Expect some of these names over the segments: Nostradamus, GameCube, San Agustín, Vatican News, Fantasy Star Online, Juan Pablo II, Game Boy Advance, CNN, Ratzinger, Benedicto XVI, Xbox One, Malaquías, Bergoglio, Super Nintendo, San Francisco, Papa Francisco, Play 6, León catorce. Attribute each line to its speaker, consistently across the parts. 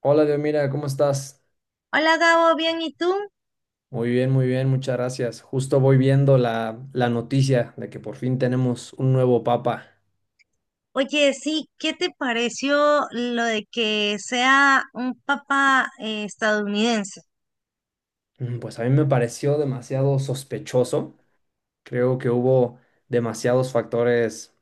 Speaker 1: Hola, Dios, mira, ¿cómo estás?
Speaker 2: Hola Gabo, bien, ¿y tú?
Speaker 1: Muy bien, muchas gracias. Justo voy viendo la noticia de que por fin tenemos un nuevo papa.
Speaker 2: Oye, sí, ¿qué te pareció lo de que sea un Papa estadounidense?
Speaker 1: Pues a mí me pareció demasiado sospechoso. Creo que hubo demasiados factores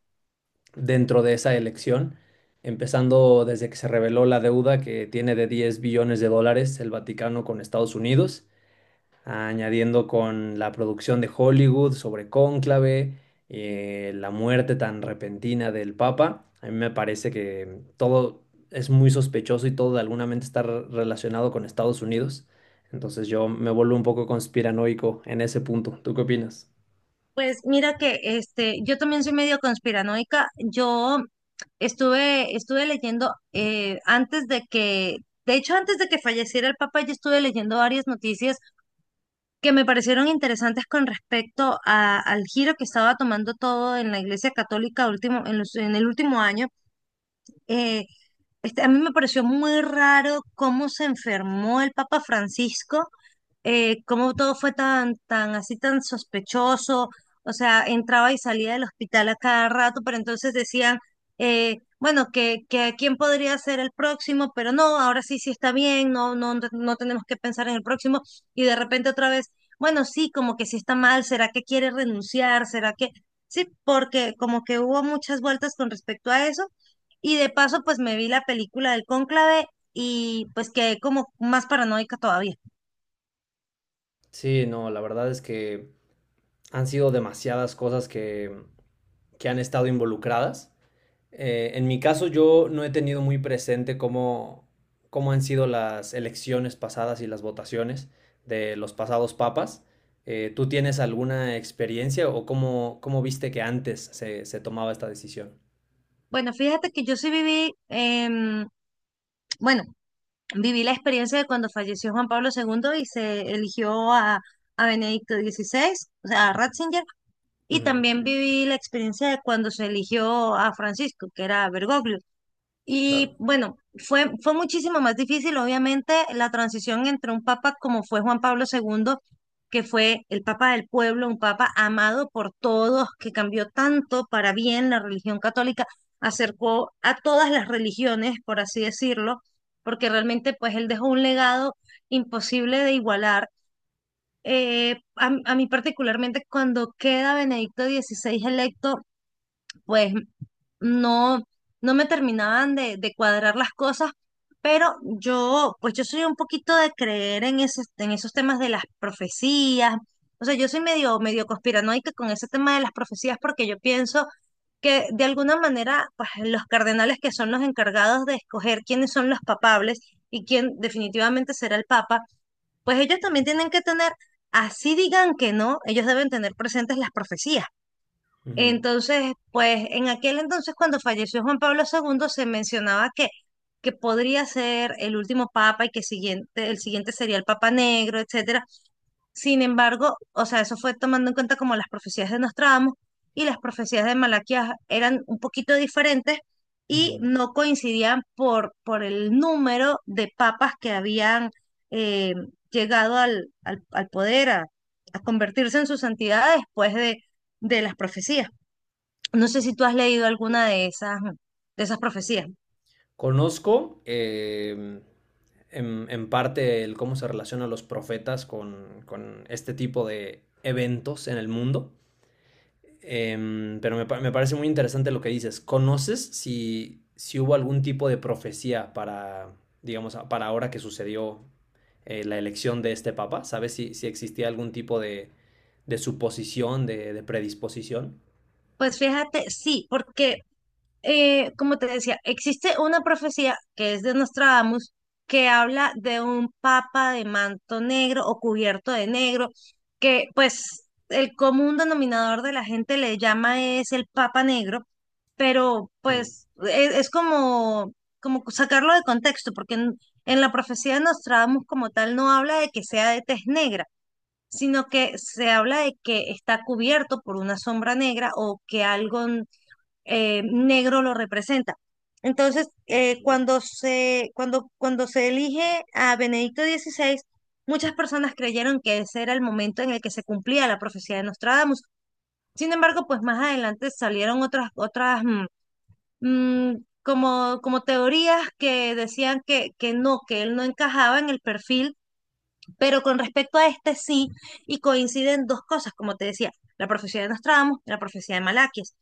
Speaker 1: dentro de esa elección, empezando desde que se reveló la deuda que tiene de 10 billones de dólares el Vaticano con Estados Unidos. Añadiendo con la producción de Hollywood sobre Cónclave, la muerte tan repentina del Papa. A mí me parece que todo es muy sospechoso y todo de alguna mente está relacionado con Estados Unidos. Entonces yo me vuelvo un poco conspiranoico en ese punto. ¿Tú qué opinas?
Speaker 2: Pues mira que este, yo también soy medio conspiranoica. Yo estuve leyendo antes de de hecho, antes de que falleciera el Papa yo estuve leyendo varias noticias que me parecieron interesantes con respecto a- al giro que estaba tomando todo en la Iglesia Católica último, en el último año. Eh, a mí me pareció muy raro cómo se enfermó el Papa Francisco, cómo todo fue tan así, tan sospechoso. O sea, entraba y salía del hospital a cada rato, pero entonces decían, bueno, que quién podría ser el próximo, pero no, ahora sí, sí está bien, no, no, no tenemos que pensar en el próximo. Y de repente otra vez, bueno, sí, como que sí está mal, ¿será que quiere renunciar? ¿Será que...? Sí, porque como que hubo muchas vueltas con respecto a eso. Y de paso, pues me vi la película del Cónclave y pues quedé como más paranoica todavía.
Speaker 1: Sí, no, la verdad es que han sido demasiadas cosas que han estado involucradas. En mi caso, yo no he tenido muy presente cómo han sido las elecciones pasadas y las votaciones de los pasados papas. ¿Tú tienes alguna experiencia o cómo viste que antes se tomaba esta decisión?
Speaker 2: Bueno, fíjate que yo sí viví, bueno, viví la experiencia de cuando falleció Juan Pablo segundo y se eligió a Benedicto XVI, o sea, a Ratzinger, y
Speaker 1: Ujú.
Speaker 2: también viví la experiencia de cuando se eligió a Francisco, que era Bergoglio. Y
Speaker 1: Claro.
Speaker 2: bueno, fue muchísimo más difícil, obviamente, la transición entre un papa como fue Juan Pablo II, que fue el papa del pueblo, un papa amado por todos, que cambió tanto para bien la religión católica, acercó a todas las religiones, por así decirlo, porque realmente pues él dejó un legado imposible de igualar. A mí particularmente cuando queda Benedicto XVI electo, pues no, no me terminaban de cuadrar las cosas, pero yo, pues yo soy un poquito de creer en en esos temas de las profecías. O sea, yo soy medio conspiranoica con ese tema de las profecías porque yo pienso que de alguna manera, pues los cardenales que son los encargados de escoger quiénes son los papables y quién definitivamente será el papa, pues ellos también tienen que tener, así digan que no, ellos deben tener presentes las profecías.
Speaker 1: Ujú,
Speaker 2: Entonces, pues en aquel entonces, cuando falleció Juan Pablo II, se mencionaba que podría ser el último papa y que el siguiente sería el papa negro, etcétera. Sin embargo, o sea, eso fue tomando en cuenta como las profecías de Nostradamus y las profecías de Malaquías eran un poquito diferentes y
Speaker 1: ujú.
Speaker 2: no coincidían por el número de papas que habían eh, llegado al poder, a convertirse en su santidad después de las profecías. No sé si tú has leído alguna de de esas profecías.
Speaker 1: Conozco en, parte el cómo se relacionan los profetas con este tipo de eventos en el mundo. Pero me parece muy interesante lo que dices. ¿Conoces si hubo algún tipo de profecía para, digamos, para ahora que sucedió la elección de este papa? ¿Sabes si existía algún tipo de suposición, de predisposición?
Speaker 2: Pues fíjate, sí, porque como te decía, existe una profecía que es de Nostradamus que habla de un papa de manto negro o cubierto de negro, que pues el común denominador de la gente le llama es el papa negro, pero
Speaker 1: Mm.
Speaker 2: pues es como, como sacarlo de contexto, porque en la profecía de Nostradamus como tal no habla de que sea de tez negra sino que se habla de que está cubierto por una sombra negra o que algo negro lo representa. Entonces, cuando se elige a Benedicto XVI, muchas personas creyeron que ese era el momento en el que se cumplía la profecía de Nostradamus. Sin embargo, pues más adelante salieron otras mm, como, como teorías que decían que no, que él no encajaba en el perfil pero con respecto a este sí, y coinciden dos cosas, como te decía, la profecía de Nostradamus, la profecía de Malaquías.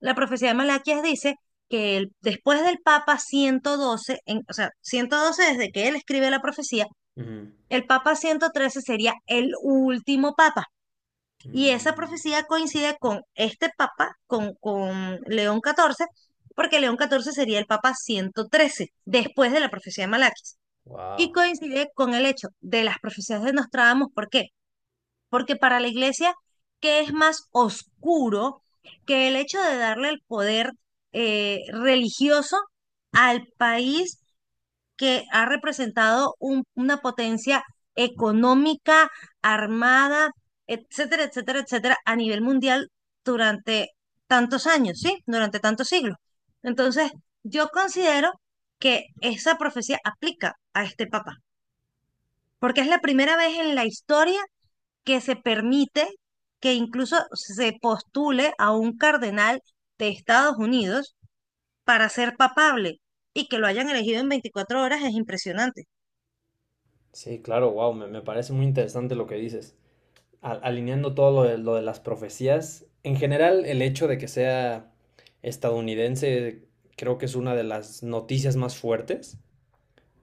Speaker 2: La profecía de Malaquías dice que después del Papa 112, en- o sea, 112 desde que él escribe la profecía, el Papa 113 sería el último Papa. Y esa profecía coincide con este Papa, con León XIV, porque León XIV sería el Papa 113 después de la profecía de Malaquías. Y
Speaker 1: Wow.
Speaker 2: coincide con el hecho de las profecías de Nostradamus, ¿por qué? Porque para la iglesia, ¿qué es más oscuro que el hecho de darle el poder religioso al país que ha representado un- una potencia económica, armada, etcétera, etcétera, etcétera, a nivel mundial durante tantos años, ¿sí? Durante tantos siglos. Entonces, yo considero que esa profecía aplica a este papa, porque es la primera vez en la historia que se permite que incluso se postule a un cardenal de Estados Unidos para ser papable y que lo hayan elegido en 24 horas es impresionante.
Speaker 1: Sí, claro, wow, me parece muy interesante lo que dices. A alineando todo lo lo de las profecías, en general el hecho de que sea estadounidense creo que es una de las noticias más fuertes,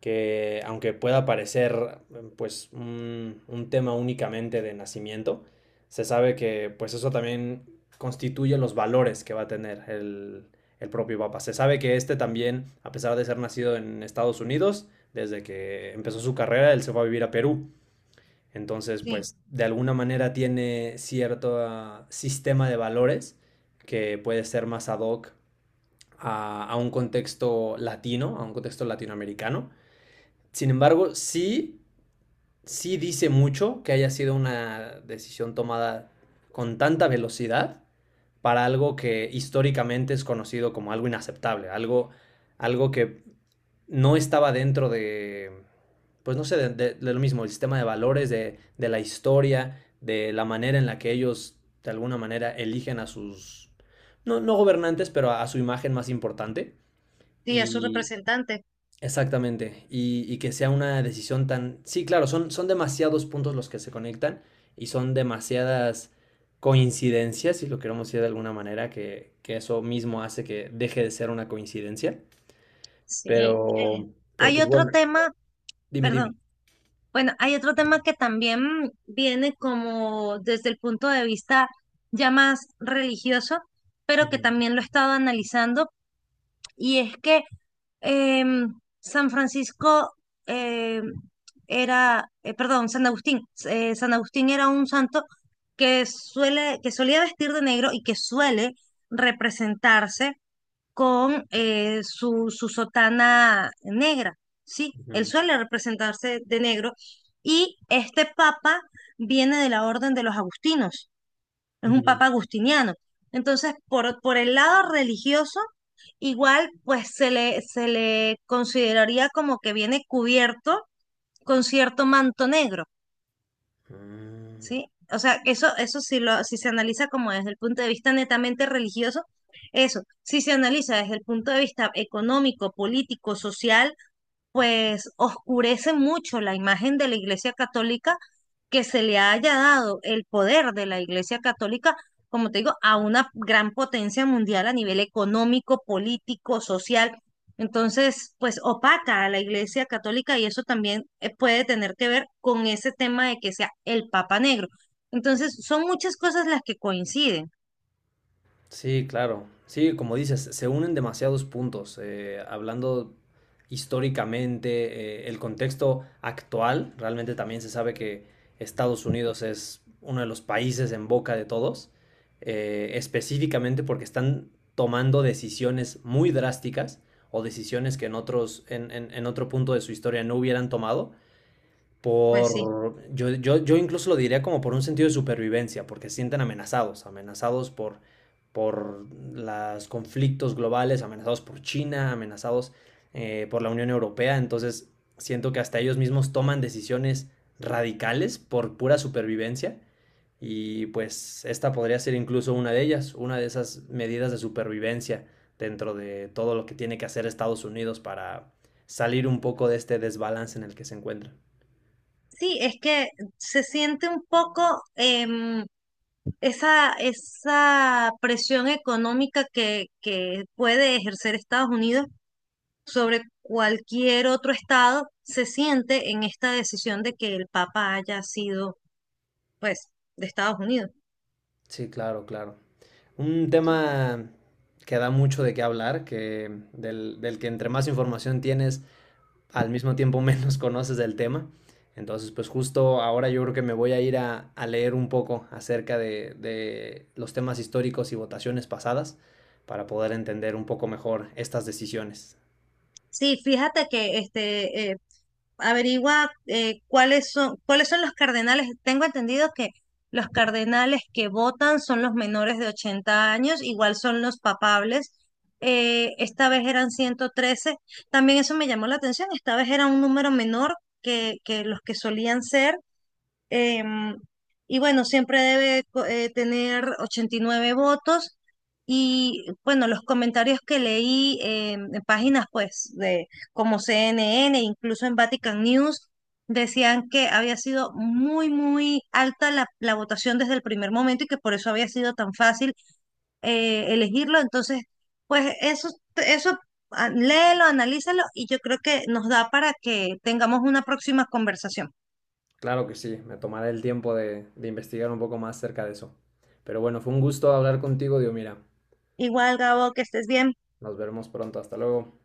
Speaker 1: que aunque pueda parecer pues un tema únicamente de nacimiento, se sabe que pues eso también constituye los valores que va a tener el propio Papa. Se sabe que este también, a pesar de ser nacido en Estados Unidos, desde que empezó su carrera, él se fue a vivir a Perú. Entonces,
Speaker 2: Sí,
Speaker 1: pues de alguna manera tiene cierto sistema de valores que puede ser más ad hoc a un contexto latino, a un contexto latinoamericano. Sin embargo, sí, sí dice mucho que haya sido una decisión tomada con tanta velocidad para algo que históricamente es conocido como algo inaceptable, algo, algo que no estaba dentro de, pues no sé, de, de lo mismo, el sistema de valores, de la historia, de la manera en la que ellos de alguna manera eligen a sus, no, no gobernantes, pero a su imagen más importante.
Speaker 2: sí, a su
Speaker 1: Y
Speaker 2: representante.
Speaker 1: exactamente, y que sea una decisión tan... Sí, claro, son demasiados puntos los que se conectan y son demasiadas coincidencias, si lo queremos decir de alguna manera, que eso mismo hace que deje de ser una coincidencia.
Speaker 2: Sí.
Speaker 1: Pero, pero
Speaker 2: Hay
Speaker 1: pues
Speaker 2: otro
Speaker 1: bueno.
Speaker 2: tema,
Speaker 1: Dime, dime.
Speaker 2: perdón, bueno, hay otro tema que también viene como desde el punto de vista ya más religioso, pero que
Speaker 1: Ujú,
Speaker 2: también lo he estado analizando y es que em, San Francisco em, era, perdón, San Agustín. San Agustín era un santo que que solía vestir de negro y que suele representarse con su sotana negra, ¿sí? Él
Speaker 1: ujú,
Speaker 2: suele representarse de negro y este papa viene de la orden de los agustinos, es un
Speaker 1: ujú.
Speaker 2: papa agustiniano. Entonces, por el lado religioso, igual pues se le consideraría como que viene cubierto con cierto manto negro,
Speaker 1: Mm.
Speaker 2: ¿sí? O sea, eso si lo, si se analiza como desde el punto de vista netamente religioso, eso, si se analiza desde el punto de vista económico, político, social, pues oscurece mucho la imagen de la Iglesia Católica que se le haya dado el poder de la Iglesia Católica, como te digo, a una gran potencia mundial a nivel económico, político, social. Entonces, pues opaca a la Iglesia Católica y eso también puede tener que ver con ese tema de que sea el Papa Negro. Entonces, son muchas cosas las que coinciden.
Speaker 1: Sí, claro. Sí, como dices, se unen demasiados puntos. Hablando históricamente, el contexto actual, realmente también se sabe que Estados Unidos es uno de los países en boca de todos, específicamente porque están tomando decisiones muy drásticas o decisiones que en otros, en otro punto de su historia no hubieran tomado
Speaker 2: Pues sí.
Speaker 1: por, yo incluso lo diría como por un sentido de supervivencia, porque se sienten amenazados, amenazados por los conflictos globales, amenazados por China, amenazados por la Unión Europea, entonces siento que hasta ellos mismos toman decisiones radicales por pura supervivencia y pues esta podría ser incluso una de ellas, una de esas medidas de supervivencia dentro de todo lo que tiene que hacer Estados Unidos para salir un poco de este desbalance en el que se encuentra.
Speaker 2: Sí, es que se siente un poco, esa presión económica que puede ejercer Estados Unidos sobre cualquier otro estado se siente en esta decisión de que el Papa haya sido, pues, de Estados Unidos.
Speaker 1: Sí, claro, claro. Un tema que da mucho de qué hablar, que del que entre más información tienes, al mismo tiempo menos conoces del tema. Entonces, pues justo ahora yo creo que me voy a ir a leer un poco acerca de los temas históricos y votaciones pasadas para poder entender un poco mejor estas decisiones.
Speaker 2: Sí, fíjate que este, averigua cuáles son los cardenales. Tengo entendido que los cardenales que votan son los menores de 80 años, igual son los papables. Esta vez eran 113. También eso me llamó la atención. Esta vez era un número menor que los que solían ser. Em, y bueno, siempre debe tener 89 votos. Y bueno, los comentarios que leí en páginas pues de como CNN, incluso en Vatican News, decían que había sido muy alta la votación desde el primer momento y que por eso había sido tan fácil elegirlo. Entonces, pues eso léelo, analízalo y yo creo que nos da para que tengamos una próxima conversación.
Speaker 1: Claro que sí, me tomaré el tiempo de investigar un poco más acerca de eso. Pero bueno, fue un gusto hablar contigo, Dios mira.
Speaker 2: Igual, Gabo, que estés bien.
Speaker 1: Nos veremos pronto, hasta luego.